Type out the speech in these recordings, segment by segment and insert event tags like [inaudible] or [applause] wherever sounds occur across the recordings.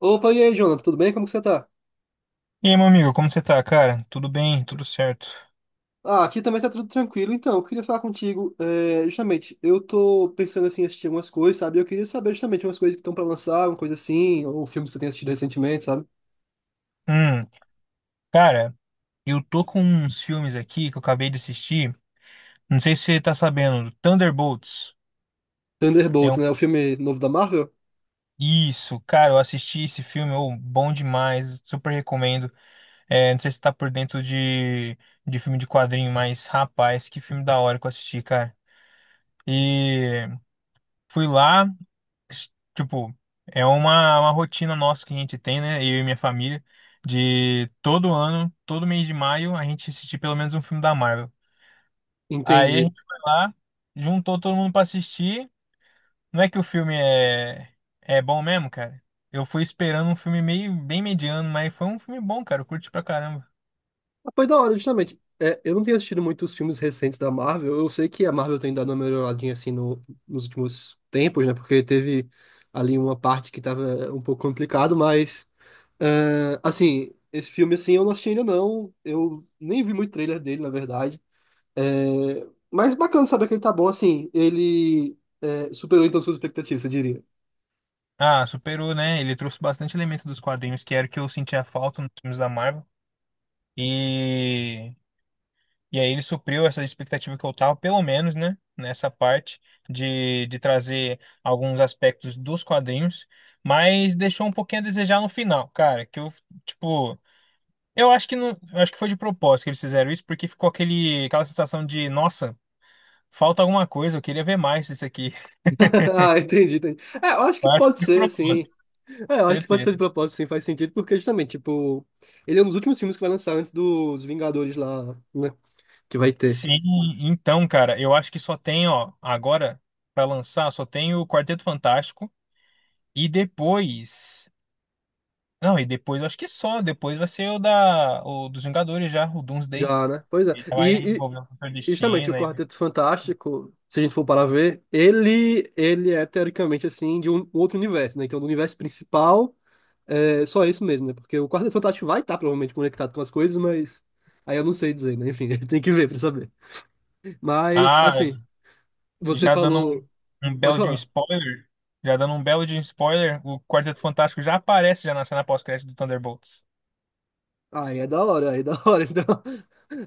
Opa, e aí, Jonathan, tudo bem? Como que você tá? E aí, meu amigo, como você tá, cara? Tudo bem, tudo certo. Ah, aqui também tá tudo tranquilo. Então, eu queria falar contigo, justamente, eu tô pensando, assim, em assistir algumas coisas, sabe? Eu queria saber, justamente, umas coisas que estão pra lançar, uma coisa assim, ou filmes que você tem assistido recentemente, sabe? Hum, cara, eu tô com uns filmes aqui que eu acabei de assistir. Não sei se você tá sabendo do Thunderbolts. É Thunderbolts, um... né? O filme novo da Marvel? Isso, cara, eu assisti esse filme, ô, bom demais, super recomendo. É, não sei se tá por dentro de filme de quadrinho, mas rapaz, que filme da hora que eu assisti, cara. E fui lá. s- tipo, é uma rotina nossa que a gente tem, né? Eu e minha família, de todo ano, todo mês de maio, a gente assistir pelo menos um filme da Marvel. Aí a Entendi. gente foi lá, juntou todo mundo pra assistir. Não é que é bom mesmo, cara. Eu fui esperando um filme meio bem mediano, mas foi um filme bom, cara. Eu curti pra caramba. Ah, foi da hora, justamente. É, eu não tenho assistido muitos filmes recentes da Marvel. Eu sei que a Marvel tem dado uma melhoradinha, assim, no, nos últimos tempos, né? Porque teve ali uma parte que tava um pouco complicado, mas... É, assim, esse filme assim eu não assisti ainda não. Eu nem vi muito trailer dele, na verdade. É, mas bacana saber que ele tá bom, assim. Ele é, superou então suas expectativas, eu diria. Ah, superou, né? Ele trouxe bastante elemento dos quadrinhos, que era o que eu sentia falta nos filmes da Marvel. E. E aí ele supriu essa expectativa que eu tava, pelo menos, né, nessa parte de trazer alguns aspectos dos quadrinhos, mas deixou um pouquinho a desejar no final, cara, tipo, eu acho que não, eu acho que foi de propósito que eles fizeram isso, porque ficou aquela sensação de, nossa, falta alguma coisa, eu queria ver mais disso aqui. [laughs] [laughs] Ah, entendi, entendi. É, eu acho que Eu acho pode que foi ser, de assim. propósito, É, eu acho que pode ser certeza. de propósito, sim, faz sentido, porque justamente, tipo, ele é um dos últimos filmes que vai lançar antes dos Vingadores lá, né? Que vai ter. Sim, então, cara, eu acho que só tem, ó, agora pra lançar, só tem o Quarteto Fantástico e depois. Não, e depois, eu acho que é só. Depois vai ser o dos Vingadores já, o Doomsday. Já, né? Pois é. Ele vai E, envolver o Doutor justamente, o Destino. Quarteto Fantástico, se a gente for para ver, ele é teoricamente assim de um outro universo, né? Então, do universo principal, é só isso mesmo, né? Porque o Quarteto Fantástico vai estar provavelmente conectado com as coisas, mas aí eu não sei dizer, né? Enfim, [laughs] tem que ver para saber. Mas, assim, Ah, você já dando falou. Um Pode belo de um falar. spoiler. Já dando um belo de um spoiler, o Quarteto Fantástico já aparece já na cena pós-crédito do Thunderbolts. Aí é da hora, aí é da hora. [laughs] Então,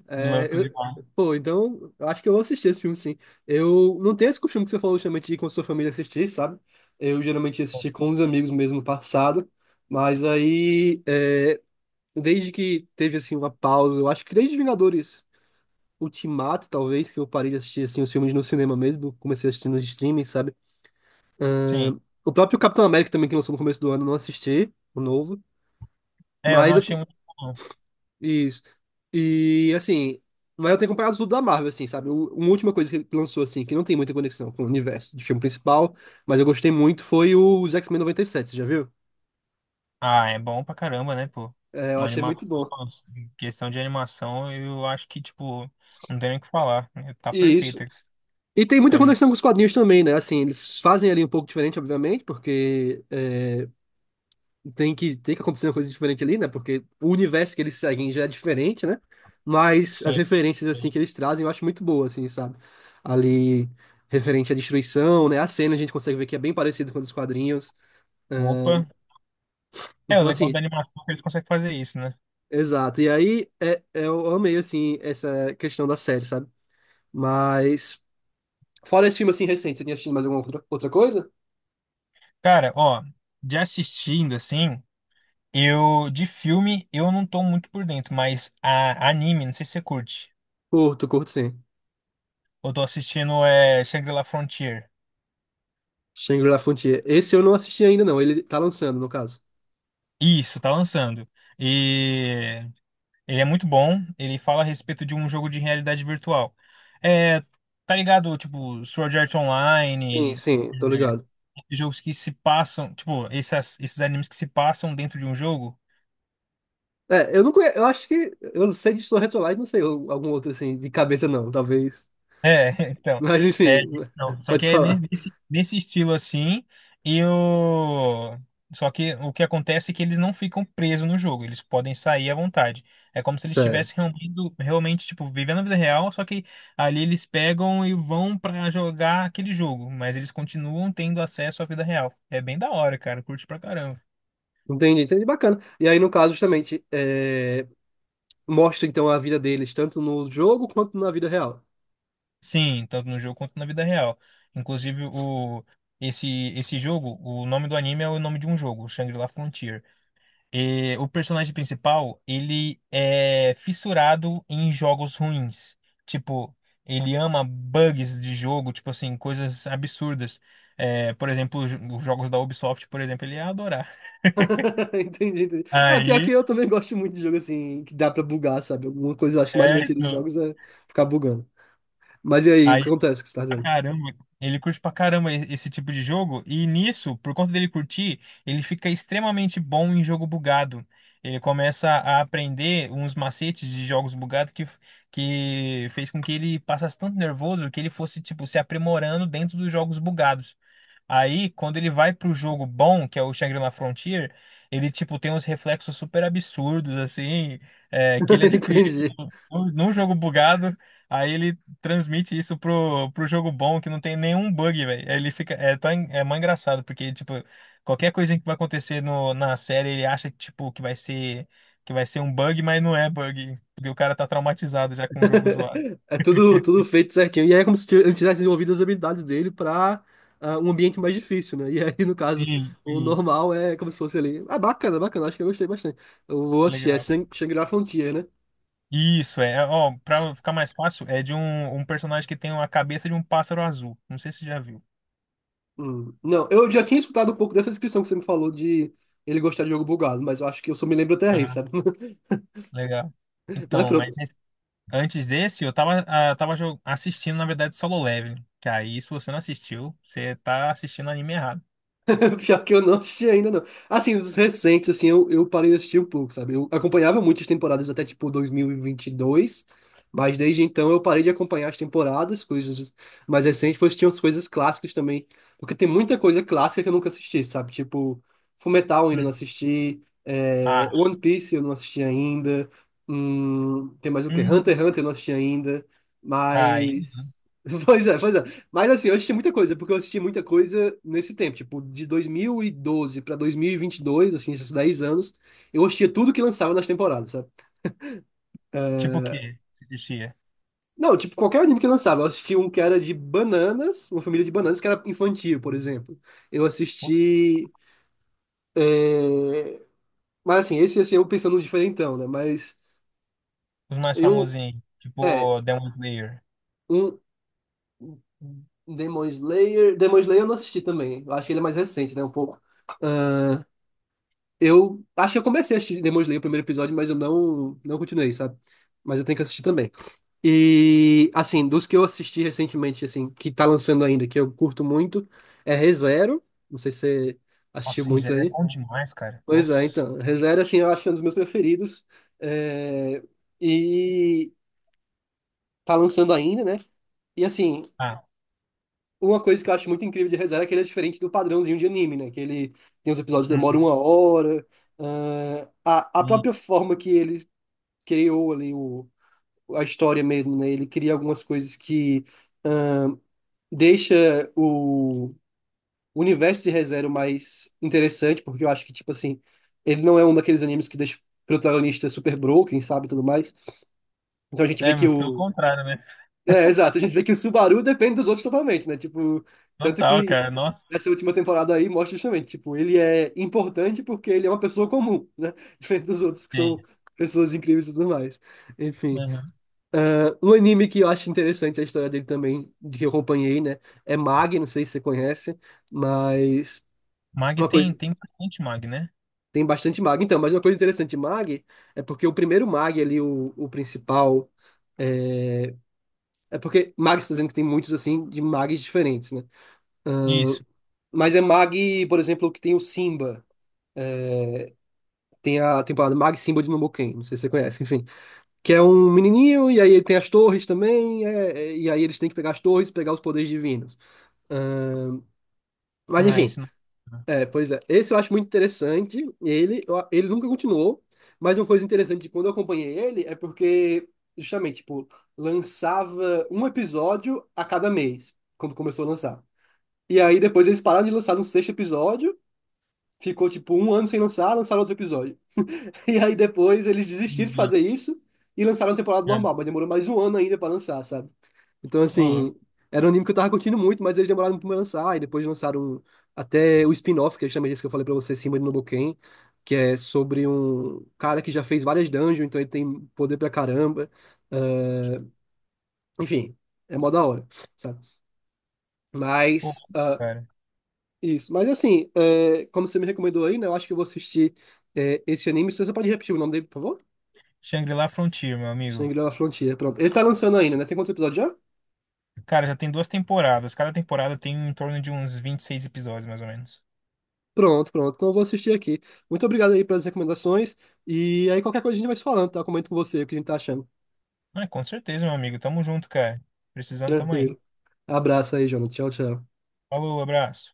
é, Louco eu, demais. pô, então, eu acho que eu vou assistir esse filme, sim. Eu não tenho esse costume que você falou, justamente, de ir com sua família assistir, sabe? Eu geralmente assisti com os amigos mesmo no passado, mas aí, desde que teve, assim, uma pausa, eu acho que desde Vingadores Ultimato, talvez, que eu parei de assistir, assim, os filmes no cinema mesmo, comecei a assistir nos streaming, sabe? Sim. O próprio Capitão América também, que lançou no começo do ano, eu não assisti, o novo. É, eu não Mas achei eu, muito bom. Isso. E assim, mas eu tenho comprado tudo da Marvel, assim, sabe? Uma última coisa que lançou, assim, que não tem muita conexão com o universo de filme principal, mas eu gostei muito, foi o os X-Men 97, você já viu? Ah, é bom pra caramba, né, pô? É, eu Uma achei muito animação, bom. em questão de animação, eu acho que, tipo, não tem nem o que falar. Tá E isso. perfeita. E tem Tá muita anima- conexão com os quadrinhos também, né? Assim, eles fazem ali um pouco diferente, obviamente, porque tem que acontecer uma coisa diferente ali, né? Porque o universo que eles seguem já é diferente, né? Mas as Sim. referências, assim, Sim. que eles trazem eu acho muito boa, assim, sabe? Ali, referente à destruição, né? A cena a gente consegue ver que é bem parecido com os quadrinhos. Ahn, Opa. É, o então, legal da assim, animação é que eles conseguem fazer isso, né? exato. E aí, eu amei, assim, essa questão da série, sabe? Mas, fora esse filme, assim, recente, você tinha assistido mais alguma outra, outra coisa? Cara, ó, de assistindo, assim, eu, de filme, eu não tô muito por dentro, mas a anime, não sei se você curte. Curto, curto, sim. Eu tô assistindo é Shangri-La Frontier. Shangri-La Frontier. Esse eu não assisti ainda, não. Ele tá lançando, no caso. Isso, tá lançando. E ele é muito bom, ele fala a respeito de um jogo de realidade virtual. É, tá ligado, tipo, Sword Art Sim, Online, sim, tô ligado. é, jogos que se passam, tipo, esses animes que se passam dentro de um jogo. É, eu não conheço, eu acho que, eu não sei de Soul Retrolight, não sei algum outro assim, de cabeça não, talvez. É, [laughs] então, Mas é, enfim, não, [laughs] só pode que é falar. Nesse estilo assim, e o, só que o que acontece é que eles não ficam presos no jogo, eles podem sair à vontade. É como se eles Certo. estivessem realmente, tipo, vivendo a vida real, só que ali eles pegam e vão pra jogar aquele jogo, mas eles continuam tendo acesso à vida real. É bem da hora, cara, curte pra caramba. Entendi, entendi, bacana. E aí, no caso, justamente, mostra então a vida deles, tanto no jogo quanto na vida real. Sim, tanto no jogo quanto na vida real. Inclusive, esse, esse jogo, o nome do anime é o nome de um jogo, o Shangri-La Frontier. E o personagem principal, ele é fissurado em jogos ruins. Tipo, ele ama bugs de jogo, tipo assim, coisas absurdas. É, por exemplo, os jogos da Ubisoft, por exemplo, ele ia adorar. [laughs] [laughs] Entendi, entendi. Ah, pior que Aí, eu também gosto muito de jogo assim, que dá pra bugar, sabe? Alguma coisa eu acho mais é, divertida dos então, jogos é ficar bugando. Mas e aí, o aí que acontece que você tá pra dizendo? caramba. Ele curte pra caramba esse tipo de jogo, e nisso, por conta dele curtir, ele fica extremamente bom em jogo bugado. Ele começa a aprender uns macetes de jogos bugados que fez com que ele passasse tanto nervoso que ele fosse, tipo, se aprimorando dentro dos jogos bugados. Aí, quando ele vai pro jogo bom, que é o Shangri-La Frontier, ele, tipo, tem uns reflexos super absurdos, assim, é, que ele [laughs] adquiriu Entendi. Num jogo bugado, aí ele transmite isso pro jogo bom, que não tem nenhum bug, velho. Aí ele fica, é, é mó engraçado, porque, tipo, qualquer coisa que vai acontecer no, na série, ele acha, tipo, que vai ser um bug, mas não é bug, porque o cara tá traumatizado já com o jogo zoado. [laughs] É tudo, tudo feito certinho. E aí é como se ele tivesse desenvolvido as habilidades dele para um ambiente mais difícil, né? E aí, no caso, Sim, o sim, normal é como se fosse ali. Ah, bacana, bacana. Acho que eu gostei bastante. Eu vou assistir. É legal. Shangri-La é Frontier, né? Isso, é, ó, pra ficar mais fácil, é de um personagem que tem a cabeça de um pássaro azul. Não sei se você já viu. Hum. Não, eu já tinha escutado um pouco dessa descrição que você me falou de ele gostar de jogo bugado, mas eu acho que eu só me lembro até aí, Aham, sabe? [laughs] legal. Mas Então, mas pronto. esse- Antes desse, eu tava, ah, assistindo, na verdade, Solo Leveling. Que aí, se você não assistiu, você tá assistindo anime errado. [laughs] Pior que eu não assisti ainda, não. Assim, os recentes, assim, eu parei de assistir um pouco, sabe? Eu acompanhava muitas temporadas até, tipo, 2022, mas desde então eu parei de acompanhar as temporadas, coisas mais recentes, foi assistir umas coisas clássicas também, porque tem muita coisa clássica que eu nunca assisti, sabe? Tipo, Fullmetal eu ainda não Hum. assisti, Ah, One Piece eu não assisti ainda, tem mais o quê? Hunter hum, x Hunter eu não assisti ainda, aí, mas... [laughs] Pois é, pois é. Mas assim, eu assisti muita coisa, porque eu assisti muita coisa nesse tempo, tipo, de 2012 pra 2022, assim, esses 10 anos, eu assistia tudo que lançava nas temporadas, sabe? tipo o que assistia? Não, tipo, qualquer anime que lançava, eu assisti um que era de bananas, uma família de bananas que era infantil, por exemplo. Eu assisti, é, mas assim, esse assim, eu pensando no diferentão, né? Mas Os mais eu, famosinhos, é, tipo Demon Slayer. um Demon Slayer, Demon Slayer eu não assisti também, eu acho que ele é mais recente, né, um pouco. Eu acho que eu comecei a assistir Demon Slayer, o primeiro episódio, mas eu não continuei, sabe? Mas eu tenho que assistir também. E, assim, dos que eu assisti recentemente, assim, que tá lançando ainda, que eu curto muito, é ReZero. Não sei se você assistiu Nossa, Rizé muito é aí. bom demais, cara. Pois é, Nossa. então. ReZero, assim, eu acho que é um dos meus preferidos. É, E tá lançando ainda, né? E, assim, Ah, uma coisa que eu acho muito incrível de ReZero é que ele é diferente do padrãozinho de anime, né? Que ele tem os episódios que demoram hum, 1 hora. Ah, a hum. própria forma que ele criou ali a história mesmo, né? Ele cria algumas coisas que deixa o universo de ReZero mais interessante, porque eu acho que, tipo assim, ele não é um daqueles animes que deixa o protagonista super broken, sabe, e tudo mais. Então a gente vê É, que muito pelo o... contrário, né? É, exato, a gente vê que o Subaru depende dos outros totalmente, né? Tipo, tanto Total, que cara. essa Nossa. última temporada aí mostra justamente, tipo, ele é importante porque ele é uma pessoa comum, né? [laughs] Diferente dos outros que são pessoas incríveis e tudo mais. Enfim. Aham. Ah, um anime que eu acho interessante é a história dele também, de que eu acompanhei, né? É Mag, não sei se você conhece, mas Mag uma tem, coisa. tem bastante Mag, né? Tem bastante Mag. Então, mas uma coisa interessante de Mag é porque o primeiro Mag ali, o principal. É, é porque Mag está dizendo que tem muitos, assim, de Mags diferentes, né? Ah, Isso. mas é Mag, por exemplo, que tem o Simba. Tem a temporada Mag Simba de Momoken, não sei se você conhece, enfim. Que é um menininho, e aí ele tem as torres também, e aí eles têm que pegar as torres e pegar os poderes divinos. Ah, mas Ah, enfim, esse não. Ah, pois é, esse eu acho muito interessante. Ele, ele nunca continuou, mas uma coisa interessante de quando eu acompanhei ele é porque, justamente, tipo, lançava um episódio a cada mês, quando começou a lançar. E aí depois eles pararam de lançar no sexto episódio, ficou tipo um ano sem lançar, lançaram outro episódio. [laughs] E aí depois eles desistiram de entendi. fazer isso e lançaram a temporada É. normal, mas demorou mais um ano ainda pra lançar, sabe? Então, Ô, louco. assim, era um anime que eu tava curtindo muito, mas eles demoraram muito pra lançar, e depois lançaram até o spin-off, que é justamente esse que eu falei pra você, Shinba no Boken, que é sobre um cara que já fez várias dungeons, então ele tem poder pra caramba. Ah, enfim, é mó da hora, sabe? Pô, Mas, ah, cara. isso. Mas, assim, como você me recomendou aí, né, eu acho que eu vou assistir esse anime. Você só pode repetir o nome dele, por favor? Shangri-La é Frontier, meu amigo. Shingeki no La Frontier, pronto. Ele tá lançando ainda, né? Tem quantos episódios já? Cara, já tem duas temporadas. Cada temporada tem em torno de uns 26 episódios, mais ou menos. Pronto, pronto. Então eu vou assistir aqui. Muito obrigado aí pelas recomendações. E aí qualquer coisa a gente vai se falando, tá? Eu comento com você o que a gente tá achando. Ah, com certeza, meu amigo. Tamo junto, cara. Precisando, tamo aí. Tranquilo. Abraço aí, Jonathan. Tchau, tchau. Falou, abraço.